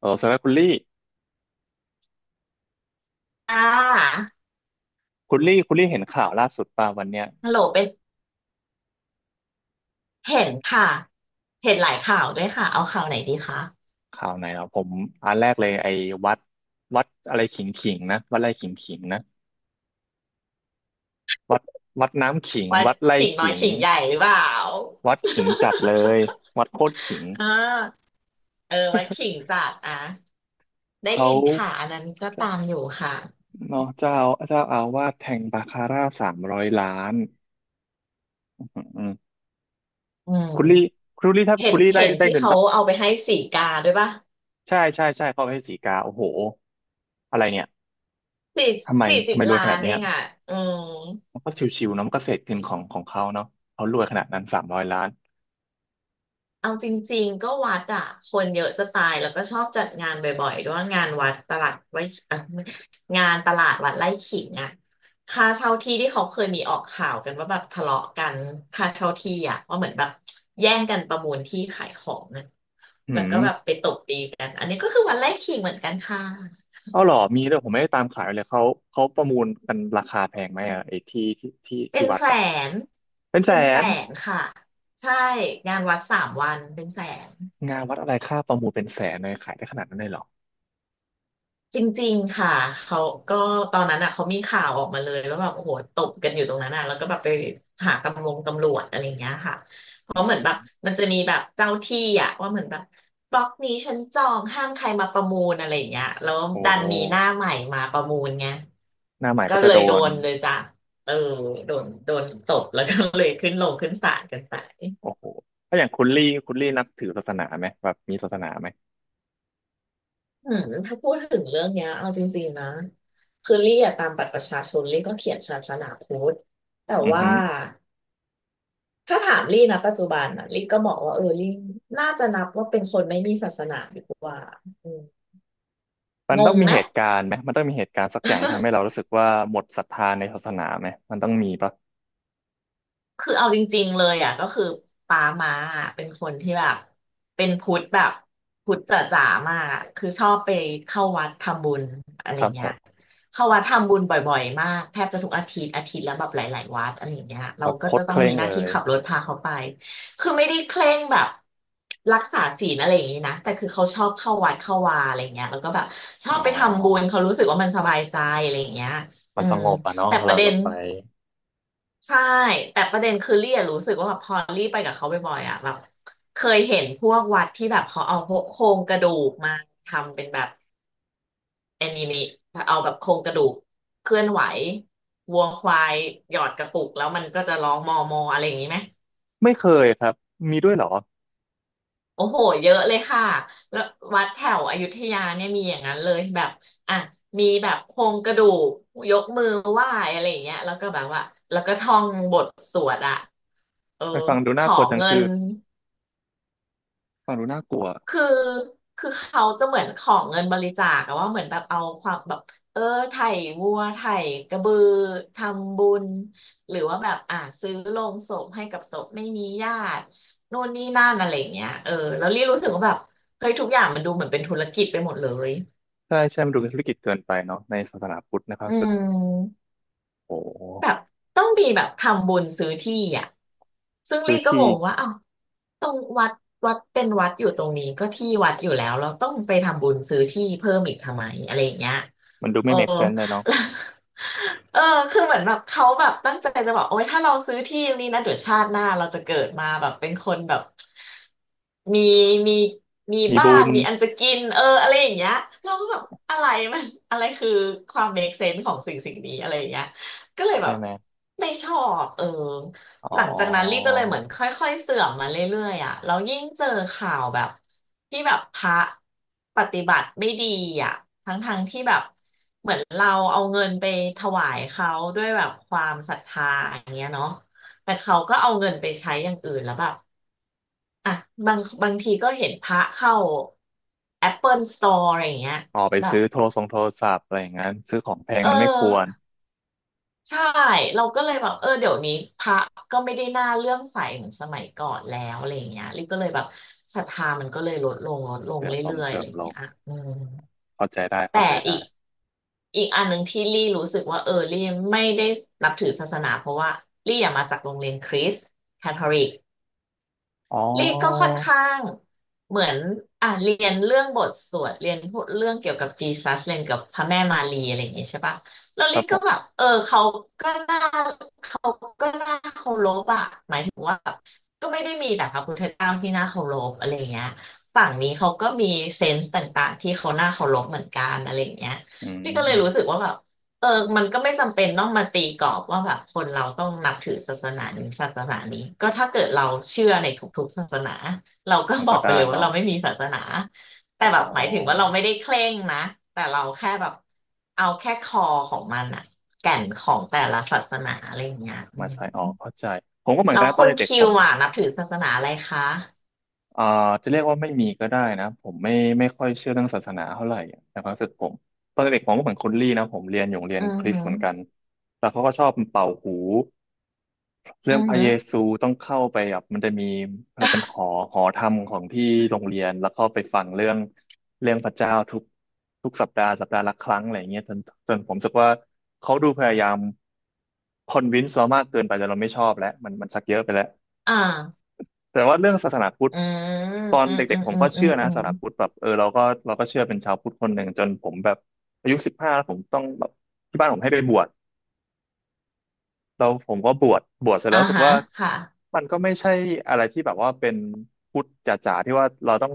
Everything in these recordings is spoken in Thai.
เออสำหรับคุณลี่อ่าคุณลี่คุณลี่เห็นข่าวล่าสุดป่ะวันเนี้ยฮัลโหลเป็นเห็นค่ะ เห็นหลายข่าวด้วยค่ะ เอาข่าวไหนดีคะข่าวไหนเหรอผมอันแรกเลยไอ้วัดวัดอะไรขิงนะวัดไร่ขิงนะวัดวัดน้ำขิงวัดวัดไร่ขิงน้อขิยงขิงใหญ่หรือเปล่า วัดขิงจัดเลยวัดโคตรขิง อ่า เออวัดขิง จัดอ่ะ ได้เขายินค่ะอันนั้นก็ตามอยู่ค่ะ เนาะเจ้าอาวาสแทงบาคาร่าสามร้อยล้านอืมอืมอืคุณลี่มคุณลี่ถ้าเห็คุนณลี่ได้เห็นได้ที่เงินเขาตั้งเอาไปให้สีกาด้วยป่ะใช่ใช่ใช่เขาให้สีกาโอ้โหอะไรเนี่ยสี่ทำไมสี่สิทำบไมรวยล้าขนานดเนี้เอย งอ่ะอืม มันก็ชิวๆเนาะมันก็เศษเงินของเขาเนาะเขารวยขนาดนั้นสามร้อยล้านเอาจริงๆก็วัดอะคนเยอะจะตายแล้วก็ชอบจัดงานบ่อยๆด้วยงานวัดตลาดไว้เอ่องานตลาดวัดไร่ขิงอะค่าเช่าที่ที่เขาเคยมีออกข่าวกันว่าแบบทะเลาะกันค่าเช่าที่อะว่าเหมือนแบบแย่งกันประมูลที่ขายของนะอืแล้วมก็แบบไปตบตีกันอันนี้ก็คือวัดไร่ขิงเหมือนกันค่ะเอาเหรอมีด้วยผมไม่ได้ตามข่าวเลยเขาเขาประมูลกันราคาแพงไหมอะไอ้ที่ที่ที่เป็ที่นวัดแสอะนเป็นแสเป็นแสนนค่ะใช่งานวัดสามวันเป็นแสน งานวัดอะไรค่าประมูลเป็นแสนเลยขายได้ขนาดนั้นเลยเหรอจริงๆค่ะ เขาก็ตอนนั้นอ่ะเขามีข่าวออกมาเลยว่าแบบโอ้โหตบกันอยู่ตรงนั้นอ่ะแล้วก็แบบไปหาตำรวจอะไรอย่างเงี้ยค่ะเพราะเหมือนแบบมันจะมีแบบเจ้าที่อ่ะว่าเหมือนแบบบล็อกนี้ฉันจองห้ามใครมาประมูลอะไรอย่างเงี้ยแล้วโอ้ดัโหนมีหน้าใหม่มาประมูลไงหน้าใหม่ก็ก็จะเลยโดโดนนเลยจ้ะเออโดนตบแล้วก็เลยขึ้นศาลกันไป โอ้โหถ้าอย่างคุณลี่คุณลี่นับถือศาสนาไหมแบบมีศาสนาไหมอืมถ้าพูดถึงเรื่องเนี้ยเอาจริงๆนะคือลี่อะตามบัตรประชาชนลี่ก็เขียนศาสนาพุทธแต่อือว่าฮึถ้าถามลี่นะปัจจุบันอ่ะลี่ก็บอกว่าเออลี่น่าจะนับว่าเป็นคนไม่มีศาสนาดีกว่าอืมมันงต้องงมีไหม เหตุการณ์ไหมมันต้องมีเหตุการณ์สักอย่างที่ทำให้ เรารู้สึกว่าหมดศรัทธาในศาสนาไหมมันต้องมีปะคือเอาจริงๆเลยอ่ะก็คือปามาอะเป็นคนที่แบบเป็นพุทธแบบพุทธจ๋าๆมากอะคือชอบไปเข้าวัดทำบุญอะไรครับผเงี้ยมเข้าวัดทำบุญบ่อยๆมากแทบจะทุกอาทิตย์อาทิตย์ละแบบหลายๆวัดอะไรเงี้ยแบเราบก็โคจะตรต้เคองร่มีงหน้าเลที่ย ขับรถพาเขาไปคือไม่ได้เคร่งแบบรักษาศีลอะไรอย่างนี้นะแต่คือเขาชอบเข้าวัดเข้าวาอะไรเงี้ยแล้วก็แบบชออ๋บไปทำบุญอ เขารู้สึกว่ามันสบายใจอะไรเงี้ยมัอืนสมงบอ่ะเนาะแต่เวปลาระเด็เราน ไปใช่แต่ประเด็นคือลี่อะรู้สึกว่าแบบพอลี่ไปกับเขาบ่อยๆอ่ะแบบเคยเห็นพวกวัดที่แบบเขาเอาโครงกระดูกมาทำเป็นแบบแอนิเมะเอาแบบโครงกระดูกเคลื่อนไหววัวควายหยอดกระปุกแล้วมันก็จะร้องมอมออะไรอย่างนี้ไหมไม่เคยครับ มีด้วยเหรอโอ้โหเยอะเลยค่ะแล้ววัดแถวอยุธยาเนี่ยมีอย่างนั้นเลยแบบอ่ะมีแบบโครงกระดูกยกมือไหว้อะไรอย่างเงี้ยแล้วก็แบบว่าแล้วก็ท่องบทสวดอ่ะเออไปฟังดูขน่าอกลัวจังเงิคือน ฟังดูน่ากลัวคือคือเขาจะเหมือนขอเงินบริจาคอะว่าเหมือนแบบเอาความแบบเออไถวัวไถกระบือทำบุญ หรือว่าแบบซื้อโลงศพให้กับศพไม่มีญาตินู่นนี่นั่นอะไรอย่างเงี้ยเออแล้วรี่รู้สึกว่าแบบเฮ้ยทุกอย่างมันดูเหมือนเป็นธุรกิจไปหมดเลยใช่ใช่มันดูเป็นธุรกิจเกินไปเนาะในศาสนาพุทธนะครับอืสึกม โอ้โหแบบต้องมีแบบทำบุญซื้อที่อ่ะซึ่งคือลี่ก็งที่งว่าเอ้าตรงวัดวัดเป็นวัดอยู่ตรงนี้ก็ที่วัดอยู่แล้วเราต้องไปทำบุญซื้อที่เพิ่มอีกทำไมอะไรอย่างเงี้ย มันดูเออ ไม่ make sense เลยเนาะ เออคือเหมือนแบบเขาแบบตั้งใจจะบอกโอ๊ยถ้าเราซื้อที่นี้นะเดี๋ยวชาติหน้าเราจะเกิดมาแบบเป็นคนแบบมีมีมีมีบ้าบุนญมีอันจะกินเอออะไรอย่างเงี้ยเราก็แบบอะไรมัน อะไรคือความ make sense ของสิ่งนี้อะไรอย่างเงี้ยก็เลยใช่แบบไหมไม่ชอบเออ อ๋อหลังจากนั้นลี่ก็เลยเหมือนค่อยๆเสื่อมมาเรื่อยๆอ่ะแล้วยิ่งเจอข่าวแบบที่แบบพระปฏิบัติไม่ดีอ่ะทั้งๆที่แบบเหมือนเราเอาเงินไปถวายเขาด้วยแบบความศรัทธาอย่างเงี้ยเนาะแต่เขาก็เอาเงินไปใช้อย่างอื่นแล้วแบบอ่ะบางทีก็เห็นพระเข้า Apple Store อะไรอย่างเงี้ยออกไปแบบซื้อโทรศัพท์อะไรอย่างนั้นซื้อของแพงเอมันไม่ควรอ ใช่เราก็เลยแบบเออเดี๋ยวนี้พระก็ไม่ได้น่าเลื่อมใสเหมือนสมัยก่อนแล้วอะไรอย่างเงี้ยลิก็เลยแบบศรัทธามันก็เลยลดลงลดลเสงริมลงเรื่อยเสๆริอะอไรมอย่างลเงี้งยอืมเข้าใจได้แต่เข้าใจอีได้กอีกอันหนึ่งที่ลี่รู้สึกว่าเออลี่ไม่ได้นับถือศาสนาเพราะว่าลี่อะมาจากโรงเรียนคริสต์คาทอลิก อ๋ลี่ก็อค่อนข้างเหมือนอ่ะเรียนเรื่องบทสวดเรียนพูดเรื่องเกี่ยวกับจีซัสเรียนกับพระแม่มารีอะไรอย่างงี้ใช่ปะแล้วครัลี่บผก็แบมบเออก็น่าเขาก็น่าเคารพอะหมายถึงว่าแบบก็ไม่ได้มีแต่พระพุทธเจ้าที่น่าเคารพอะไรอย่างเงี้ยฝั่งนี้เขาก็มีเซนส์ต่างๆที่เขาน่าเคารพเหมือนกันอะไรอย่างเงี้ยอืลี่ก็เลยรู้สึกมว่าแบบ เออมันก็ไม่จำเป็นต้องมาตีกรอบว่าแบบคนเราต้องนับถือศาสนานี้ศาสนานี้ก็ถ้าเกิดเราเชื่อในทุกๆศาสนาเราก็มันบอก็กไปได้เลยว่าเนาะเราไม่มีศาสนาอ๋แต่แบบหมายถึงว่าอ เราไม่ได้เคร่งนะแต่เราแค่แบบเอาแค่คอของมันอะแก่นของแต่ละศาสนาอะไรอย่างเงี้ยอืมามใส่ออกเข้าใจผมก็เหมือนแล้กัวนนะตอคุนณเด็กคิๆผวมอะนับถือศาสนาอะไรคะเอ่อจะเรียกว่าไม่มีก็ได้นะผมไม่ค่อยเชื่อเรื่องศาสนาเท่าไหร่ในความรู้สึกผมตอนเด็กๆผมก็เหมือนคุณลี่นะผมเรียนอยู่โรงเรียอืนอคริสหืต์อเหมือนกันแล้วเขาก็ชอบเป่าหูเรื่อืองอพระหืเยอ ซูต้องเข้าไปแบบมันจะมีอะไรเป็นห อหอธรรมของที่โรงเรียนแล้วเข้าไปฟังเรื่องเรื่องพระเจ้าทุกสัปดาห์สัปดาห์ละครั้งอะไรอย่างเงี้ยจนผมรู้สึกว่าเขาดูพยายามคอนวินส์เรามากเกินไปจนเราไม่ชอบแล้วมันชักเยอะไปแล้ว อ่าแต่ว่าเรื่องศาสนาพุทธอืมตอนอืมเด็อืกมๆผมอืก็มอืเชื่มอนะอืศามสนาพุทธแบบเออเราก็เชื่อเป็นชาวพุทธคนหนึ่งจนผมแบบอายุ15แล้วผมต้องแบบที่บ้านผมให้ไปบวชเราผมก็บวชเสร็จแล้อ่าวรู้สึกฮะว่าค่ะ มันก็ไม่ใช่อะไรที่แบบว่าเป็นพุทธจ๋าๆที่ว่าเราต้อง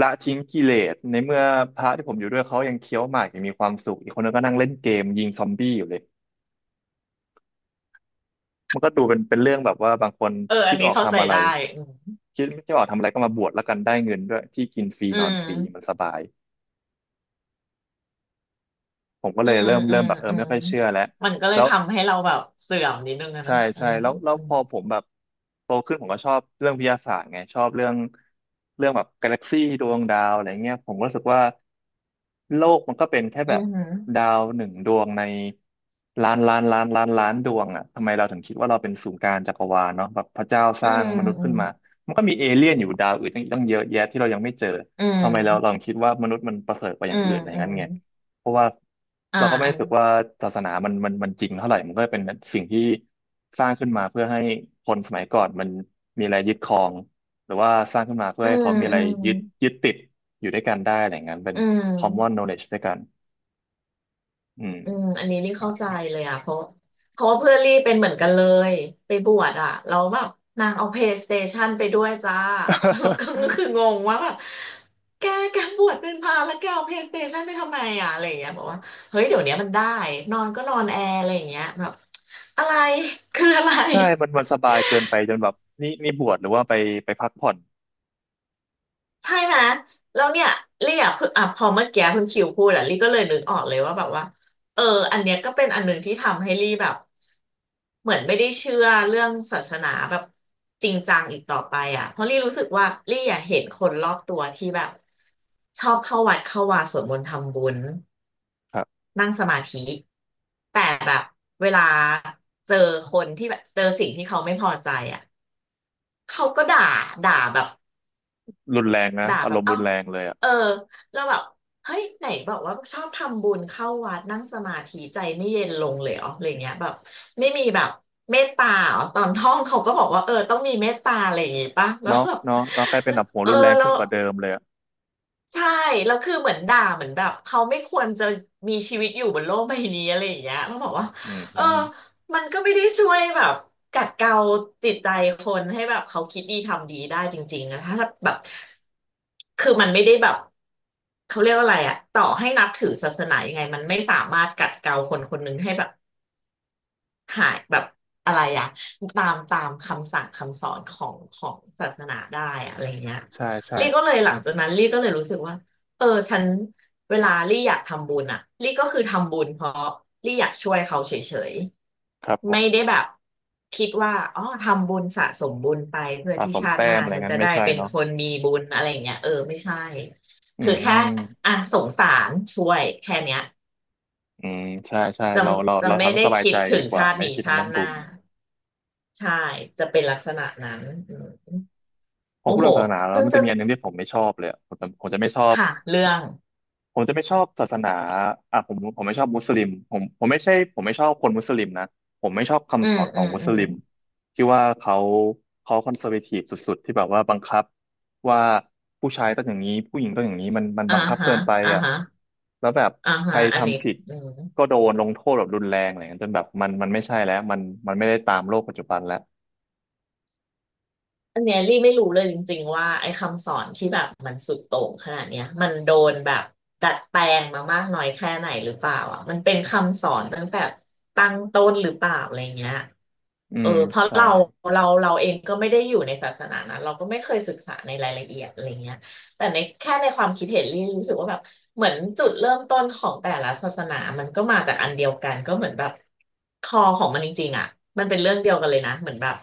ละทิ้งกิเลสในเมื่อพระที่ผมอยู่ด้วยเขายังเคี้ยวหมากยังมีความสุขอีกคนนึงก็นั่งเล่นเกมยิงซอมบี้อยู่เลย มันก็ดูเป็นเป็นเรื่องแบบว่าบางคนเอออัคิดนไม่นี้ออกเข้าใจทำอะไรได้คิดไม่ออกทำอะไรก็มาบวชแล้วกันได้เงินด้วยที่กินฟรีอืนอนฟรีมันมสบายผมก็อืเลยมเริ่มอืเริ่มมแบบเอออืมไม่ค่อยอืเชื่อแล้วมมันก็เลแล้ยว ทำให้เราแบบเสื่อมนิดนึงอะใช่เนาะอืใช่มแล้วอืพมอผมแบบโตขึ้นผมก็ชอบเรื่องวิทยาศาสตร์ไงชอบเรื่องแบบกาแล็กซี่ดวงดาวอะไรเงี้ยผมก็รู้สึกว่าโลกมันก็เป็นแค่อืแบบดามวหนึ่งดวงในล้านล้านล้านล้านล้านดวงอ่ะทำไมเราถึงคิดว่าเราเป็นศูนย์กลางจักรวาลเนาะแบบพระเจ้าสอืร้างมมนุษย์อืขึ้มนมามันก็มีเอเลี่ยนอยู่ดาวอื่นตั้งเยอะแยะที่เรายังไม่เจออืทำไมเรามถึงคิดว่ามนุษย์มันประเสริฐกว่าออืย่างมอื่นอะไรออืย่างนั้มนไง เพราะว่าอ่าเราก็ไม่อัรู้นสึกว่าศาสนามันจริงเท่าไหร่มันก็เป็นสิ่งที่สร้างขึ้นมาเพื่อให้คนสมัยก่อนมันมีอะไรยึดครองหรือว่าสร้างขึ้นมาเพื่ออืให้มเขามีอะอืไรมยึดยึดติดอยู่ด้วยกันได้อะไรอย่างนั้นเป็น อืม common knowledge ด้วยกันอืมอืมอันนี้รีเข้าใจใช่ เลยอ่ะเพราะเพราะว่าเพื่อนรีเป็นเหมือนกันเลยไปบวชอ่ะเราแล้วแบบนางเอา PlayStation ไปด้วยจ้า แล้วก็ คืองงว่าแบบแกแกบวชเป็นพระแล้วแกเอา PlayStation ไปทำไมอ่ะอะไรอย่างเงี้ยบอกว่าเฮ้ยเดี๋ยวนี้มันได้นอนก็นอนแอร์อะไรอย่างเงี้ยแบบอะไรคืออะไร ใช่มันมันสบายเกินไปจนแบบนี่บวชหรือว่าไปพักผ่อนใช่ไหมแล้วเนี่ยลี่อ่ะเพิ่งอ่ะพอเมื่อกี้คุณคิวพูดอ่ะลี่ก็เลยนึกออกเลยว่าแบบว่าเอออันเนี้ยก็เป็นอันหนึ่งที่ทำให้ลี่แบบเหมือนไม่ได้เชื่อเรื่องศาสนาแบบจริงจังอีกต่อไปอ่ะเพราะลี่รู้สึกว่าลี่อ่ะเห็นคนรอบตัวที่แบบชอบเข้าวัดเข้าวาสวดมนต์ทำบุญครับนั่งสมาธิแต่แบบเวลาเจอคนที่แบบเจอสิ่งที่เขาไม่พอใจอ่ะเขาก็ด่าด่าแบบ รุนแรงนะด่าอาแบรบมณ์เอ้ารุนแรงเลยอะเออเราแบบ เฮ้ย ไหนบอกว่าชอบทำบุญเข้าวัดนั่งสมาธิใจไม่เย็นลงเลยเหรออะไรเงี้ยแบบไม่มีแบบเมตตาเหรอตอนท่องเขาก็บอกว่าเออต้องมีเมตตาอะไรอย่างงี้ปะแล้วเนาะแบบเนาะเนาะกลายเป็นแล้วแบบหัวเออรุนแรงเรา ขึ้นกว่าเดิมเลยอะใช่แล้วคือเหมือนด่าเหมือนแบบเขาไม่ควรจะมีชีวิตอยู่บนโลกใบนี้อะไรอย่างเงี้ยแล้วบอกว่าอืมเออือมมันก็ไม่ได้ช่วยแบบกัดเกลาจิตใจคนให้แบบเขาคิดดีทำดีได้จริงๆนะถ้าแบบคือมันไม่ได้แบบเขาเรียกว่าอะไรอะต่อให้นับถือศาสนายังไงมันไม่สามารถกัดเกลาคนคนหนึ่งให้แบบ หายแบบอะไรอะตามคำสั่งคำสอนของศาสนาได้อะอะไรเงี้ยใช่ใช่ลี่ก็เลยหลังจากนั้นลี่ก็เลยรู้สึกว่าเออฉันเวลาลี่อยากทำบุญอะลี่ก็คือทำบุญเพราะลี่อยากช่วยเขาเฉยครับผๆไม่ม ได้แบบคิดว่าอ๋อทำบุญสะสมบุญไปเพื่อสะที่สมชาติแต้หน้ามอะไรฉันงั้จะนไม่ได้ใช่เป็นเนาะคนมีบุญอะไรอย่างเงี้ยเออไม่ใช่อืคือแค่มอ่ะสงสารช่วยแค่เนี้ยอืม ใช่ใช่จะเราเราจะเราไม่ทำให้ได้สบายคิใจดถึดีงกว่าชาติไม่ได้นี้คิดถึงชาเรื่อติงหบุน้า ญใช่จะเป็นลักษณะนั้นอืมพอโอ้พูดโหเรื่องศาสนาแล้วเพิ่งมันจะจะมีอันหนึงที่ผมไม่ชอบเลยอะผมจะไม่ชอบ ค่ะเรื่องผมจะไม่ชอบศาสนาอ่ะผมไม่ชอบมุสลิมผมไม่ใช่ผมไม่ชอบคนมุสลิมนะผมไม่ชอบอืคำสมอนขอืองมมุอืสมลิมที่ว่าเขาคอนเซอร์เวทีฟสุดๆที่แบบว่าบังคับว่าผู้ชายต้องอย่างนี้ผู้หญิงต้องอย่างนี้มันอ่าบังคับฮะเกินไปอ่าอ่ะฮะแล้วแบบอ่าใคฮะรอันนี้ทำผิดอืม ก็โดนลงโทษแบบรุนแรงอะไรอย่างเงี้ยจนแบบมันไม่ใช่แล้วมันไม่ได้ตามโลกปัจจุบันแล้วอันเนี้ยลี่ไม่รู้เลยจริงๆว่าไอ้คำสอนที่แบบมันสุดโต่งขนาดเนี้ยมันโดนแบบดัดแปลงมามากน้อยแค่ไหนหรือเปล่าอ่ะมันเป็นคำสอนตั้งแต่ตั้งต้นหรือเปล่าอะไรเงี้ยอืเออมเพราะใช่เราเองก็ไม่ได้อยู่ในศาสนานั้นเราก็ไม่เคยศึกษาในรายละเอียดอะไรเงี้ยแต่ในแค่ในความคิดเห็นลี่รู้สึกว่าแบบเหมือนจุดเริ่มต้นของแต่ละศาสนามันก็มาจากอันเดียวกันก็เหมือนแบบคอของมันจริงๆอ่ะมันเป็นเรื่องเดียวกันเลยนะเหมือนแบบ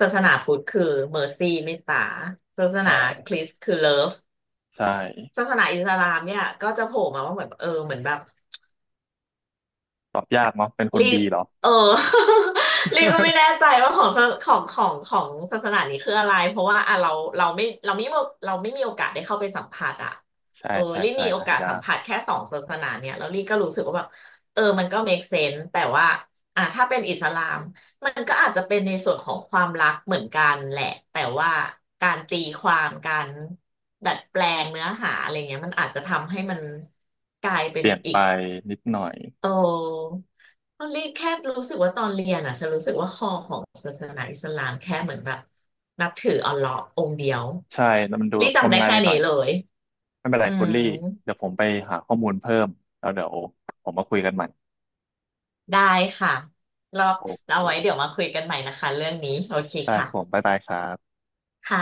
ศาสนาพุทธคือเมอร์ซี่เมตตาศาสนาใช่คริสต์คือเลิฟใช่ศาสนาอิสลามเนี่ยก็จะโผล่มาว่าเหมือนเออเหมือนแบบ ตอบยากเนาะเป็นคนลีบดีเหรอ เออ ลีบก็ไม่แน่ ใจว่าของศาของของของศาสนานี้คืออะไร เพราะว่าอ่ะเราเราไม่เราไม่ีเราไม่มีโอกาสได้เข้าไปสัมผัสอ่ะใช่เออใช่ลีใช่มีโอหากาสยาสัมก ผัสแค่สองศาสนาเนี่ยแล้วลีก็รู้สึกว่าแบบเออมันก็ make sense แต่ว่าอ่ะถ้าเป็นอิสลามมันก็อาจจะเป็นในส่วนของความรักเหมือนกันแหละแต่ว่าการตีความการดัดแปลงเนื้อหาอะไรเงี้ยมันอาจจะทำให้มันกลายเป็เปนลี่ยนอีไปก นิดหน่อยโอ้ตอนเรียนแค่รู้สึกว่าตอนเรียนอ่ะฉันรู้สึกว่าคอของศาสนาอิสลามแค่เหมือนแบบนับถืออัลเลาะห์องค์เดียวใช่แล้วมันดูรีงจำมได้งายแค่ไปหน่นี้อยเลยไม่เป็นไรอืคุณมลี่เดี๋ยวผมไปหาข้อมูลเพิ่มแล้วเดี๋ยวผมมาคุยกันใหม่ได้ค่ะรอบโอเราเคไว้เดี๋ยวมาคุยกันใหม่นะคะเรื่องนี้โอเคได้ครับผมค่ะบ๊ายบายครับค่ะ